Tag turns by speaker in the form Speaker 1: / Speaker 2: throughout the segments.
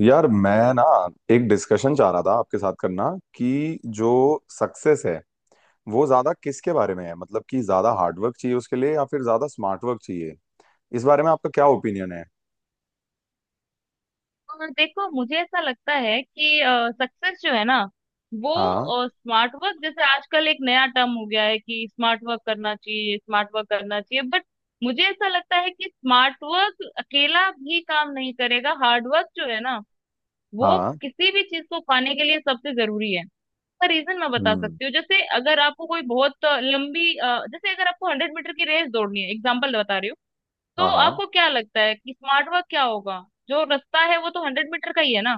Speaker 1: यार मैं ना एक डिस्कशन चाह रहा था आपके साथ करना कि जो सक्सेस है वो ज्यादा किसके बारे में है, मतलब कि ज्यादा हार्डवर्क चाहिए उसके लिए या फिर ज्यादा स्मार्ट वर्क चाहिए। इस बारे में आपका क्या ओपिनियन है?
Speaker 2: और देखो, मुझे ऐसा लगता है कि सक्सेस जो है ना,
Speaker 1: हाँ।
Speaker 2: वो स्मार्ट वर्क जैसे आजकल एक नया टर्म हो गया है कि स्मार्ट वर्क करना चाहिए, स्मार्ट वर्क करना चाहिए, बट मुझे ऐसा लगता है कि स्मार्ट वर्क अकेला भी काम नहीं करेगा। हार्ड वर्क जो है ना, वो
Speaker 1: हाँ।
Speaker 2: किसी भी चीज को पाने के लिए सबसे जरूरी है। इसका रीजन मैं बता
Speaker 1: हम्म।
Speaker 2: सकती हूँ। जैसे अगर आपको कोई बहुत लंबी जैसे अगर आपको 100 मीटर की रेस दौड़नी है, एग्जाम्पल बता रही हूँ। तो
Speaker 1: हाँ हाँ।
Speaker 2: आपको क्या लगता है कि स्मार्ट वर्क क्या होगा? जो रास्ता है वो तो 100 मीटर का ही है ना।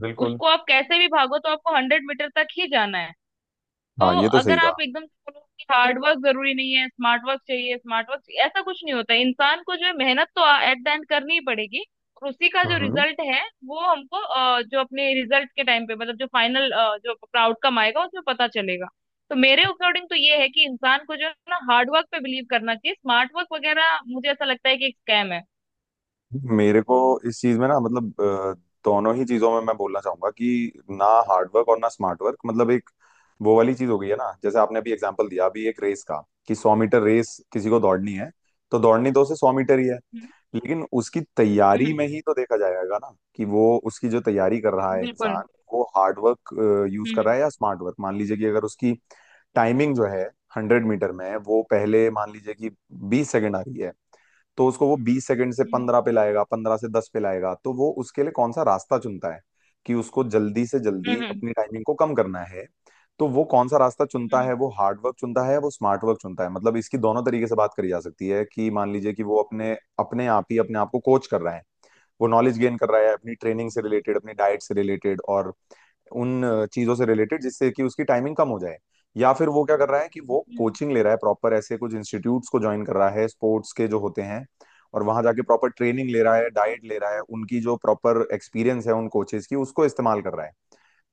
Speaker 1: बिल्कुल।
Speaker 2: उसको आप कैसे भी भागो, तो आपको 100 मीटर तक ही जाना है। तो
Speaker 1: हाँ, ये तो सही
Speaker 2: अगर
Speaker 1: कहा।
Speaker 2: आप एकदम से बोलो कि हार्ड वर्क जरूरी नहीं है, स्मार्ट वर्क चाहिए, स्मार्ट वर्क ऐसा कुछ नहीं होता है। इंसान को जो है मेहनत तो एट द एंड करनी ही पड़ेगी। और उसी का जो
Speaker 1: हम्म।
Speaker 2: रिजल्ट है वो हमको जो अपने रिजल्ट के टाइम पे, मतलब जो फाइनल जो अपना आउटकम आएगा उसमें पता चलेगा। तो मेरे अकॉर्डिंग तो ये है कि इंसान को जो है ना हार्ड वर्क पे बिलीव करना चाहिए। स्मार्ट वर्क वगैरह मुझे ऐसा लगता है कि एक स्कैम है।
Speaker 1: मेरे को इस चीज में ना, मतलब दोनों ही चीजों में मैं बोलना चाहूंगा कि ना हार्ड वर्क और ना स्मार्ट वर्क, मतलब एक वो वाली चीज हो गई है ना। जैसे आपने अभी एग्जांपल दिया अभी एक रेस का कि 100 मीटर रेस किसी को दौड़नी है, तो दौड़नी तो उसे 100 मीटर ही है।
Speaker 2: हम्म।
Speaker 1: लेकिन उसकी तैयारी
Speaker 2: हम्म।
Speaker 1: में ही तो देखा जाएगा ना कि वो उसकी जो तैयारी कर रहा है
Speaker 2: बिल्कुल।
Speaker 1: इंसान, वो हार्ड वर्क यूज कर रहा
Speaker 2: हम्म।
Speaker 1: है या स्मार्ट वर्क। मान लीजिए कि अगर उसकी टाइमिंग जो है 100 मीटर में, वो पहले मान लीजिए कि 20 सेकंड आ रही है, तो उसको वो 20 सेकंड से
Speaker 2: हम्म।
Speaker 1: 15 पे लाएगा, 15 से 10 पे लाएगा, तो वो उसके लिए कौन सा रास्ता चुनता है कि उसको जल्दी से जल्दी
Speaker 2: हम्म। हम्म।
Speaker 1: अपनी टाइमिंग को कम करना है। तो वो कौन सा रास्ता चुनता है,
Speaker 2: हम्म।
Speaker 1: वो हार्ड वर्क चुनता है या वो स्मार्ट वर्क चुनता है, मतलब इसकी दोनों तरीके से बात करी जा सकती है कि मान लीजिए कि वो अपने अपने आप ही अपने आप को कोच कर रहा है, वो नॉलेज गेन कर रहा है अपनी ट्रेनिंग
Speaker 2: हम्म।
Speaker 1: से रिलेटेड, अपनी डाइट से रिलेटेड और उन चीजों से रिलेटेड जिससे कि उसकी टाइमिंग कम हो जाए। या फिर वो क्या कर रहा है कि वो
Speaker 2: हम्म।
Speaker 1: कोचिंग ले रहा है प्रॉपर, ऐसे कुछ इंस्टीट्यूट्स को ज्वाइन कर रहा है स्पोर्ट्स के जो होते हैं, और वहां जाके प्रॉपर ट्रेनिंग ले रहा है, डाइट ले रहा है, उनकी जो प्रॉपर एक्सपीरियंस है उन कोचेस की उसको इस्तेमाल कर रहा है।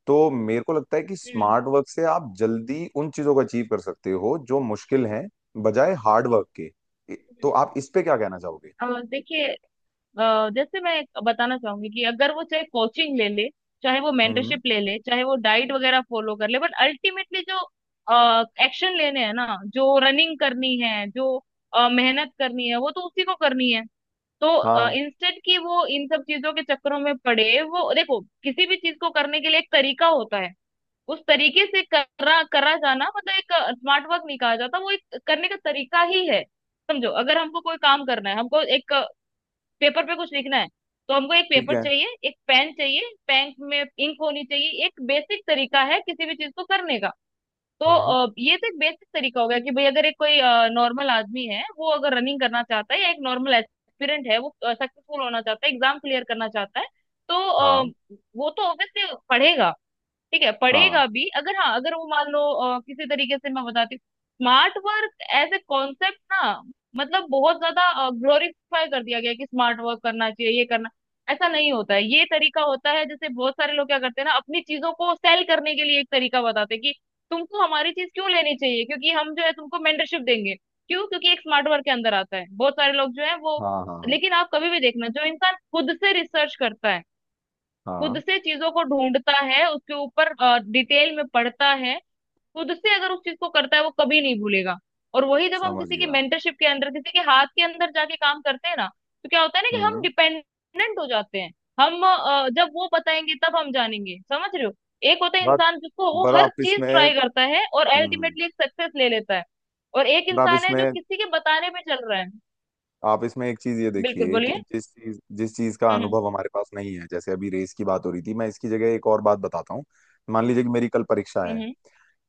Speaker 1: तो मेरे को लगता है कि
Speaker 2: हम्म।
Speaker 1: स्मार्ट वर्क से आप जल्दी उन चीजों को अचीव कर सकते हो जो मुश्किल हैं, बजाय हार्ड वर्क के। तो आप इस पे क्या कहना चाहोगे?
Speaker 2: देखिए। जैसे मैं एक बताना चाहूंगी कि अगर वो चाहे कोचिंग ले ले, चाहे वो
Speaker 1: हम्म।
Speaker 2: मेंटरशिप ले ले, चाहे वो डाइट वगैरह फॉलो कर ले, बट अल्टीमेटली जो एक्शन लेने हैं ना, जो रनिंग करनी है, जो मेहनत करनी है, वो तो उसी को करनी है। तो
Speaker 1: हाँ।
Speaker 2: इंस्टेंट की वो इन सब चीजों के चक्करों में पड़े, वो देखो किसी भी चीज को करने के लिए एक तरीका होता है। उस तरीके से करा करा जाना मतलब एक स्मार्ट वर्क नहीं कहा जाता, वो एक करने का तरीका ही है। समझो, अगर हमको कोई काम करना है, हमको एक पेपर पे कुछ लिखना है, तो हमको एक
Speaker 1: ठीक
Speaker 2: पेपर
Speaker 1: है।
Speaker 2: चाहिए, एक पेन चाहिए, पेन में इंक होनी चाहिए। एक बेसिक तरीका है किसी भी चीज को करने का। तो
Speaker 1: हम्म।
Speaker 2: ये तो एक बेसिक तरीका हो गया कि भाई, अगर एक कोई नॉर्मल आदमी है, वो अगर रनिंग करना चाहता है, या एक नॉर्मल एस्पिरेंट है, वो सक्सेसफुल होना चाहता है, एग्जाम क्लियर करना चाहता है, तो
Speaker 1: हाँ
Speaker 2: वो तो ऑब्वियसली पढ़ेगा। ठीक है,
Speaker 1: हाँ
Speaker 2: पढ़ेगा भी। अगर हाँ, अगर वो मान लो, किसी तरीके से मैं बताती हूँ। Smart work as a concept ना, मतलब बहुत ज्यादा ग्लोरीफाई कर दिया गया है कि स्मार्ट वर्क करना चाहिए, ये करना। ऐसा नहीं होता है, ये तरीका होता है। जैसे बहुत सारे लोग क्या करते हैं ना, अपनी चीजों को सेल करने के लिए एक तरीका बताते हैं कि तुमको हमारी चीज क्यों लेनी चाहिए, क्योंकि हम जो है तुमको मेंटरशिप देंगे। क्यों? क्योंकि एक स्मार्ट वर्क के अंदर आता है। बहुत सारे लोग जो है वो।
Speaker 1: हाँ। हाँ हाँ
Speaker 2: लेकिन आप कभी भी देखना, जो इंसान खुद से रिसर्च करता है, खुद
Speaker 1: हाँ।
Speaker 2: से चीजों को ढूंढता है, उसके ऊपर डिटेल में पढ़ता है, खुद से अगर उस चीज को करता है, वो कभी नहीं भूलेगा। और वही जब हम
Speaker 1: समझ
Speaker 2: किसी की
Speaker 1: गया।
Speaker 2: मेंटरशिप के अंदर, किसी के हाथ के अंदर जाके काम करते हैं ना, तो क्या होता है ना कि हम
Speaker 1: हम्म।
Speaker 2: डिपेंडेंट हो जाते हैं। हम जब वो बताएंगे तब हम जानेंगे, समझ रहे हो? एक होता है
Speaker 1: बात
Speaker 2: इंसान जिसको, वो
Speaker 1: पर
Speaker 2: हर
Speaker 1: आप
Speaker 2: चीज
Speaker 1: इसमें
Speaker 2: ट्राई करता है और
Speaker 1: हम्म,
Speaker 2: अल्टीमेटली एक सक्सेस ले लेता है। और एक
Speaker 1: पर
Speaker 2: इंसान है जो किसी के बताने पे चल रहा है।
Speaker 1: आप इसमें एक चीज ये
Speaker 2: बिल्कुल,
Speaker 1: देखिए कि
Speaker 2: बोलिए।
Speaker 1: जिस चीज का
Speaker 2: हम्म।
Speaker 1: अनुभव हमारे पास नहीं है। जैसे अभी रेस की बात हो रही थी, मैं इसकी जगह एक और बात बताता हूँ। मान लीजिए कि मेरी कल परीक्षा है,
Speaker 2: हम्म।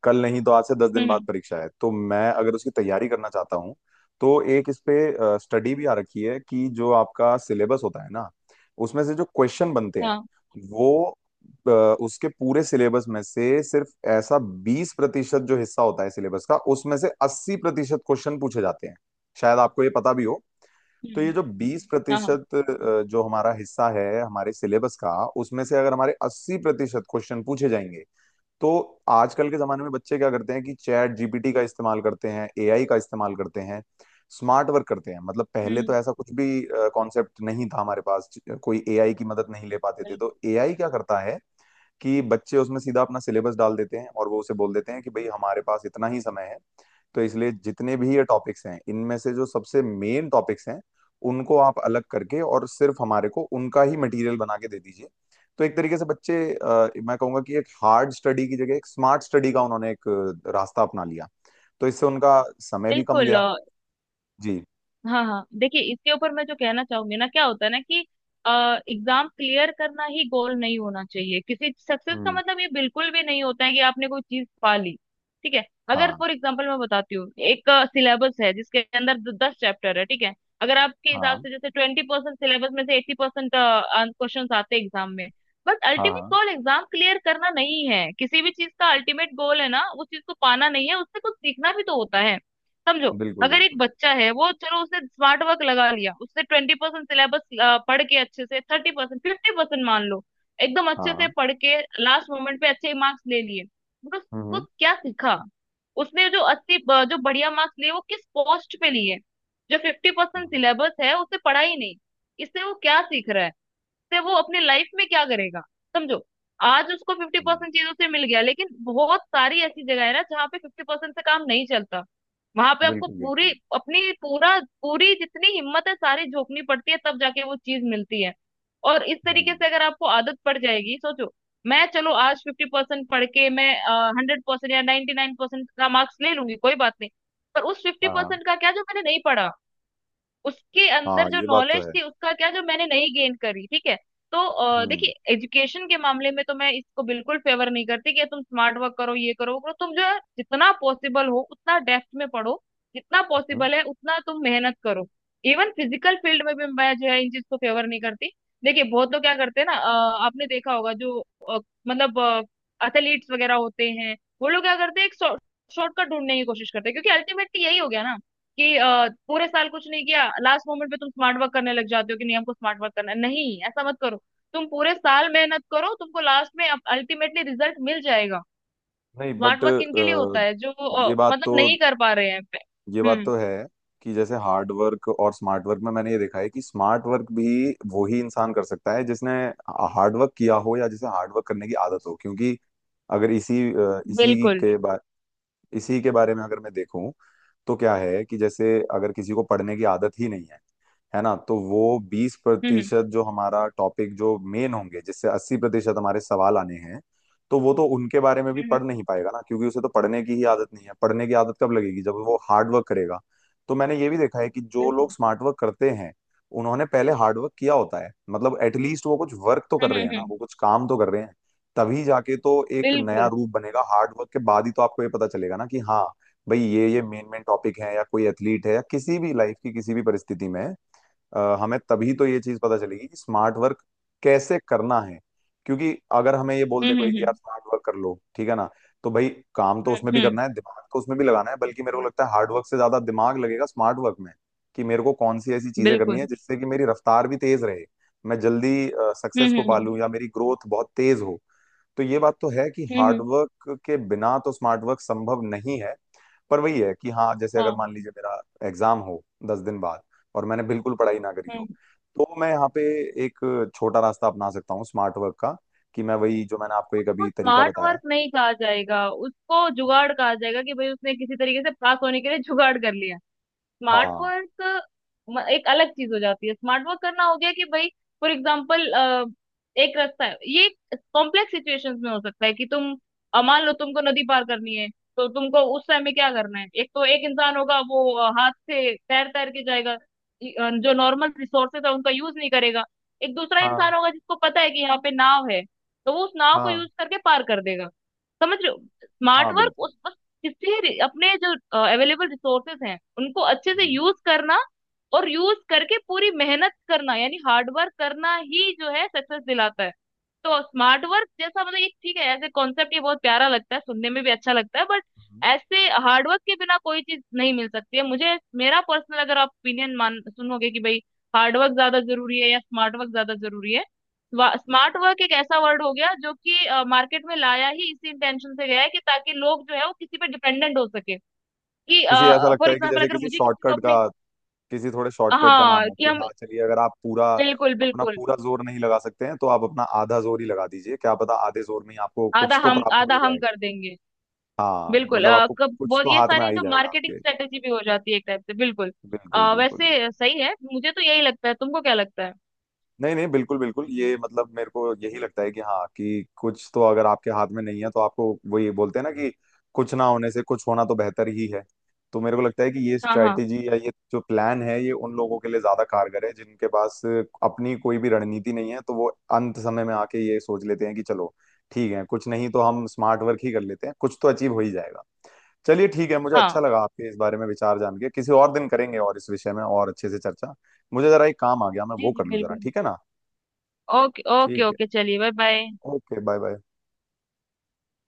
Speaker 1: कल नहीं तो आज से दस
Speaker 2: हम्म।
Speaker 1: दिन
Speaker 2: हम्म।
Speaker 1: बाद
Speaker 2: हम्म।
Speaker 1: परीक्षा है, तो मैं अगर उसकी तैयारी करना चाहता हूँ। तो एक इस पे स्टडी भी आ रखी है कि जो आपका सिलेबस होता है ना, उसमें से जो क्वेश्चन बनते हैं
Speaker 2: हाँ।
Speaker 1: वो अ, उसके पूरे सिलेबस में से सिर्फ ऐसा 20% जो हिस्सा होता है सिलेबस का, उसमें से 80% क्वेश्चन पूछे जाते हैं, शायद आपको ये पता भी हो। तो ये
Speaker 2: हम्म।
Speaker 1: जो बीस
Speaker 2: हाँ। हाँ।
Speaker 1: प्रतिशत जो हमारा हिस्सा है हमारे सिलेबस का, उसमें से अगर हमारे 80% क्वेश्चन पूछे जाएंगे, तो आजकल के जमाने में बच्चे क्या करते हैं कि चैट जीपीटी का इस्तेमाल करते हैं, एआई का इस्तेमाल करते हैं, स्मार्ट वर्क करते हैं। मतलब पहले तो
Speaker 2: हम्म।
Speaker 1: ऐसा कुछ भी कॉन्सेप्ट नहीं था हमारे पास, कोई एआई की मदद नहीं ले पाते थे।
Speaker 2: बिल्कुल।
Speaker 1: तो एआई क्या करता है कि बच्चे उसमें सीधा अपना सिलेबस डाल देते हैं और वो उसे बोल देते हैं कि भाई हमारे पास इतना ही समय है, तो इसलिए जितने भी ये टॉपिक्स हैं, इनमें से जो सबसे मेन टॉपिक्स हैं उनको आप अलग करके और सिर्फ हमारे को उनका ही मटेरियल बना के दे दीजिए। तो एक तरीके से बच्चे मैं कहूंगा कि एक हार्ड स्टडी की जगह एक स्मार्ट स्टडी का उन्होंने एक रास्ता अपना लिया। तो इससे उनका समय भी कम
Speaker 2: बिल्कुल।
Speaker 1: गया। जी।
Speaker 2: हाँ, हाँ, देखिए, इसके ऊपर मैं जो कहना चाहूंगी ना, क्या होता है ना कि एग्जाम क्लियर करना ही गोल नहीं होना चाहिए। किसी सक्सेस का
Speaker 1: हम्म।
Speaker 2: मतलब ये बिल्कुल भी नहीं होता है कि आपने कोई चीज पा ली। ठीक है। अगर
Speaker 1: हाँ
Speaker 2: फॉर एग्जाम्पल मैं बताती हूँ, एक सिलेबस है जिसके अंदर 10 चैप्टर है, ठीक है? अगर आपके हिसाब
Speaker 1: हाँ
Speaker 2: से जैसे 20% सिलेबस में से 80% क्वेश्चन आते हैं एग्जाम में। बट
Speaker 1: हाँ
Speaker 2: अल्टीमेट
Speaker 1: हाँ।
Speaker 2: गोल एग्जाम क्लियर करना नहीं है, किसी भी चीज का अल्टीमेट गोल है ना, उस चीज को पाना नहीं है, उससे कुछ सीखना भी तो होता है। समझो।
Speaker 1: बिल्कुल
Speaker 2: अगर एक
Speaker 1: बिल्कुल।
Speaker 2: बच्चा है, वो चलो उसने स्मार्ट वर्क लगा लिया, उसने 20% सिलेबस पढ़ के, अच्छे से 30% 50% मान लो, एकदम अच्छे से
Speaker 1: हाँ।
Speaker 2: पढ़ के लास्ट मोमेंट पे अच्छे मार्क्स ले लिए। मतलब उसको
Speaker 1: हम्म।
Speaker 2: क्या सीखा? उसने जो 80 जो बढ़िया मार्क्स लिए वो किस पोस्ट पे लिए? जो 50%
Speaker 1: हम्म।
Speaker 2: सिलेबस है उसे पढ़ा ही नहीं। इससे वो क्या सीख रहा है, से वो अपनी लाइफ में क्या करेगा? समझो। आज उसको फिफ्टी
Speaker 1: हम्म।
Speaker 2: परसेंट चीजों से मिल गया, लेकिन बहुत सारी ऐसी जगह है ना जहाँ पे 50% से काम नहीं चलता। वहां पे आपको
Speaker 1: बिल्कुल
Speaker 2: पूरी
Speaker 1: बिल्कुल।
Speaker 2: अपनी पूरा पूरी जितनी हिम्मत है सारी झोंकनी पड़ती है, तब जाके वो चीज मिलती है। और इस तरीके
Speaker 1: हम्म।
Speaker 2: से अगर आपको आदत पड़ जाएगी, सोचो, मैं चलो आज 50% पढ़ के मैं 100% या 99% का मार्क्स ले लूंगी, कोई बात नहीं। पर उस फिफ्टी
Speaker 1: हाँ हाँ।
Speaker 2: परसेंट का क्या जो मैंने नहीं पढ़ा, उसके अंदर
Speaker 1: हाँ,
Speaker 2: जो
Speaker 1: ये बात तो
Speaker 2: नॉलेज
Speaker 1: है।
Speaker 2: थी उसका क्या जो मैंने नहीं गेन करी? ठीक है। तो
Speaker 1: हम्म।
Speaker 2: देखिए, एजुकेशन के मामले में तो मैं इसको बिल्कुल फेवर नहीं करती कि तुम स्मार्ट वर्क करो, ये करो, वो करो। तुम जो है जितना पॉसिबल हो उतना डेप्थ में पढ़ो, जितना
Speaker 1: हम्म।
Speaker 2: पॉसिबल है उतना तुम मेहनत करो। इवन फिजिकल फील्ड में भी मैं जो है इन चीज को फेवर नहीं करती। देखिए, बहुत लोग क्या करते हैं ना, आपने देखा होगा जो अ, मतलब एथलीट्स वगैरह होते हैं, वो लोग क्या करते हैं? एक शॉर्टकट ढूंढने की कोशिश करते हैं, क्योंकि अल्टीमेटली यही हो गया ना कि पूरे साल कुछ नहीं किया, लास्ट मोमेंट पे तुम स्मार्ट वर्क करने लग जाते हो कि नहीं, हमको स्मार्ट वर्क करना है। नहीं, ऐसा मत करो। तुम पूरे साल मेहनत करो, तुमको लास्ट में अल्टीमेटली रिजल्ट मिल जाएगा।
Speaker 1: नहीं
Speaker 2: स्मार्ट
Speaker 1: बट
Speaker 2: वर्क किन के लिए होता है? जो
Speaker 1: ये बात तो
Speaker 2: मतलब नहीं कर पा रहे हैं।
Speaker 1: ये बात
Speaker 2: हम्म।
Speaker 1: तो है कि जैसे हार्ड वर्क और स्मार्ट वर्क में मैंने ये देखा है कि स्मार्ट वर्क भी वही इंसान कर सकता है जिसने हार्ड वर्क किया हो या जिसे हार्ड वर्क करने की आदत हो। क्योंकि अगर इसी अ, इसी
Speaker 2: बिल्कुल।
Speaker 1: के बा, इसी के बारे में अगर मैं देखूं तो क्या है कि जैसे अगर किसी को पढ़ने की आदत ही नहीं है, है ना, तो वो बीस
Speaker 2: हम्म।
Speaker 1: प्रतिशत जो हमारा टॉपिक जो मेन होंगे जिससे 80% हमारे सवाल आने हैं, तो वो तो उनके बारे में भी
Speaker 2: हम्म।
Speaker 1: पढ़
Speaker 2: हम्म।
Speaker 1: नहीं पाएगा ना, क्योंकि उसे तो पढ़ने की ही आदत नहीं है। पढ़ने की आदत कब लगेगी? जब वो हार्ड वर्क करेगा। तो मैंने ये भी देखा है कि जो लोग
Speaker 2: बिल्कुल।
Speaker 1: स्मार्ट वर्क करते हैं उन्होंने पहले हार्ड वर्क किया होता है, मतलब एटलीस्ट वो कुछ वर्क तो कर
Speaker 2: हम्म।
Speaker 1: रहे
Speaker 2: हम्म।
Speaker 1: हैं ना,
Speaker 2: हम्म।
Speaker 1: वो कुछ काम तो कर रहे हैं, तभी जाके तो एक नया
Speaker 2: बिल्कुल।
Speaker 1: रूप बनेगा। हार्ड वर्क के बाद ही तो आपको ये पता चलेगा ना कि हाँ भाई ये मेन मेन टॉपिक है, या कोई एथलीट है, या किसी भी लाइफ की किसी भी परिस्थिति में हमें तभी तो ये चीज पता चलेगी कि स्मार्ट वर्क कैसे करना है। क्योंकि अगर हमें ये बोल दे
Speaker 2: हम्म।
Speaker 1: कोई
Speaker 2: हम्म।
Speaker 1: कि यार
Speaker 2: हम्म।
Speaker 1: स्मार्ट वर्क कर लो, ठीक है ना, तो भाई काम तो उसमें
Speaker 2: हम्म।
Speaker 1: भी
Speaker 2: हम्म।
Speaker 1: करना है, दिमाग तो उसमें भी लगाना है। बल्कि मेरे को लगता है हार्ड वर्क से ज्यादा दिमाग लगेगा स्मार्ट वर्क में, कि मेरे को कौन सी ऐसी चीजें करनी है
Speaker 2: बिल्कुल।
Speaker 1: जिससे कि मेरी रफ्तार भी तेज रहे, मैं जल्दी
Speaker 2: हम्म।
Speaker 1: सक्सेस को
Speaker 2: हम्म। हम्म।
Speaker 1: पालूं या मेरी ग्रोथ बहुत तेज हो। तो ये बात तो है कि
Speaker 2: हम्म।
Speaker 1: हार्ड
Speaker 2: हम्म।
Speaker 1: वर्क के बिना तो स्मार्ट वर्क संभव नहीं है। पर वही है कि हाँ, जैसे अगर
Speaker 2: हाँ।
Speaker 1: मान लीजिए मेरा एग्जाम हो 10 दिन बाद और मैंने बिल्कुल पढ़ाई ना करी
Speaker 2: हम्म।
Speaker 1: हो, तो मैं यहाँ पे एक छोटा रास्ता अपना सकता हूँ स्मार्ट वर्क का, कि मैं वही जो मैंने आपको एक
Speaker 2: उसको
Speaker 1: अभी तरीका
Speaker 2: स्मार्ट
Speaker 1: बताया।
Speaker 2: वर्क नहीं कहा जाएगा, उसको जुगाड़ कहा जाएगा कि भाई उसने किसी तरीके से पास होने के लिए जुगाड़ कर लिया। स्मार्ट
Speaker 1: हाँ
Speaker 2: वर्क एक अलग चीज हो जाती है। स्मार्ट वर्क करना हो गया कि भाई, फॉर एग्जाम्पल, एक रास्ता है ये। कॉम्प्लेक्स सिचुएशंस में हो सकता है कि तुम मान लो तुमको नदी पार करनी है। तो तुमको उस समय में क्या करना है? एक तो एक इंसान होगा वो हाथ से तैर तैर के जाएगा, जो नॉर्मल रिसोर्सेज है उनका यूज नहीं करेगा। एक दूसरा
Speaker 1: हाँ
Speaker 2: इंसान होगा जिसको पता है कि यहाँ पे नाव है, तो वो उस नाव को
Speaker 1: हाँ।
Speaker 2: यूज करके पार कर देगा। समझ रहे हो?
Speaker 1: हाँ
Speaker 2: स्मार्ट वर्क
Speaker 1: बिल्कुल।
Speaker 2: उस अपने जो अवेलेबल रिसोर्सेस हैं उनको अच्छे से
Speaker 1: हम्म।
Speaker 2: यूज करना, और यूज करके पूरी मेहनत करना यानी हार्ड वर्क करना ही जो है सक्सेस दिलाता है। तो स्मार्ट वर्क जैसा मतलब ये ठीक है, ऐसे कॉन्सेप्ट ये बहुत प्यारा लगता है, सुनने में भी अच्छा लगता है, बट
Speaker 1: हम्म।
Speaker 2: ऐसे हार्ड वर्क के बिना कोई चीज नहीं मिल सकती है मुझे। मेरा पर्सनल अगर आप ओपिनियन मान सुनोगे कि भाई हार्ड वर्क ज्यादा जरूरी है या स्मार्ट वर्क ज्यादा जरूरी है? स्मार्ट वर्क एक ऐसा वर्ड हो गया जो कि मार्केट में लाया ही इसी इंटेंशन से गया है, कि ताकि लोग जो है वो किसी पे डिपेंडेंट हो सके। कि
Speaker 1: किसी ऐसा लगता
Speaker 2: फॉर
Speaker 1: है कि
Speaker 2: एग्जाम्पल
Speaker 1: जैसे
Speaker 2: अगर
Speaker 1: किसी
Speaker 2: मुझे किसी को
Speaker 1: शॉर्टकट का,
Speaker 2: अपने
Speaker 1: किसी थोड़े शॉर्टकट का नाम
Speaker 2: हाँ
Speaker 1: हो
Speaker 2: कि
Speaker 1: कि
Speaker 2: हम।
Speaker 1: हाँ चलिए, अगर आप पूरा
Speaker 2: बिल्कुल।
Speaker 1: अपना
Speaker 2: बिल्कुल।
Speaker 1: पूरा जोर नहीं लगा सकते हैं तो आप अपना आधा जोर ही लगा दीजिए, क्या पता आधे जोर में ही आपको कुछ तो प्राप्त हो
Speaker 2: आधा
Speaker 1: ही
Speaker 2: हम
Speaker 1: जाएगा।
Speaker 2: कर देंगे।
Speaker 1: हाँ,
Speaker 2: बिल्कुल।
Speaker 1: मतलब आपको
Speaker 2: कब
Speaker 1: कुछ
Speaker 2: बहुत,
Speaker 1: तो
Speaker 2: ये
Speaker 1: हाथ में आ
Speaker 2: सारे
Speaker 1: ही
Speaker 2: जो
Speaker 1: जाएगा
Speaker 2: मार्केटिंग
Speaker 1: आपके।
Speaker 2: स्ट्रेटेजी भी हो जाती है एक टाइप से। बिल्कुल।
Speaker 1: बिल्कुल बिल्कुल बिल्कुल।
Speaker 2: वैसे सही है, मुझे तो यही लगता है। तुमको क्या लगता है?
Speaker 1: नहीं नहीं, बिल्कुल बिल्कुल, ये मतलब मेरे को यही लगता है कि हाँ, कि कुछ तो अगर आपके हाथ में नहीं है तो आपको वही बोलते हैं ना कि कुछ ना होने से कुछ होना तो बेहतर ही है। तो मेरे को लगता है कि ये
Speaker 2: हाँ, हाँ,
Speaker 1: स्ट्रैटेजी या ये जो प्लान है ये उन लोगों के लिए ज्यादा कारगर है जिनके पास अपनी कोई भी रणनीति नहीं है, तो वो अंत समय में आके ये सोच लेते हैं कि चलो ठीक है, कुछ नहीं तो हम स्मार्ट वर्क ही कर लेते हैं, कुछ तो अचीव हो ही जाएगा। चलिए ठीक है, मुझे अच्छा
Speaker 2: हाँ।
Speaker 1: लगा आपके इस बारे में विचार जान के। किसी और दिन करेंगे और इस विषय में और अच्छे से चर्चा। मुझे जरा एक काम आ गया, मैं
Speaker 2: जी,
Speaker 1: वो
Speaker 2: जी,
Speaker 1: कर लूँ जरा,
Speaker 2: बिल्कुल।
Speaker 1: ठीक है ना?
Speaker 2: ओके, ओके,
Speaker 1: ठीक है।
Speaker 2: ओके, चलिए, bye bye.
Speaker 1: Okay bye bye.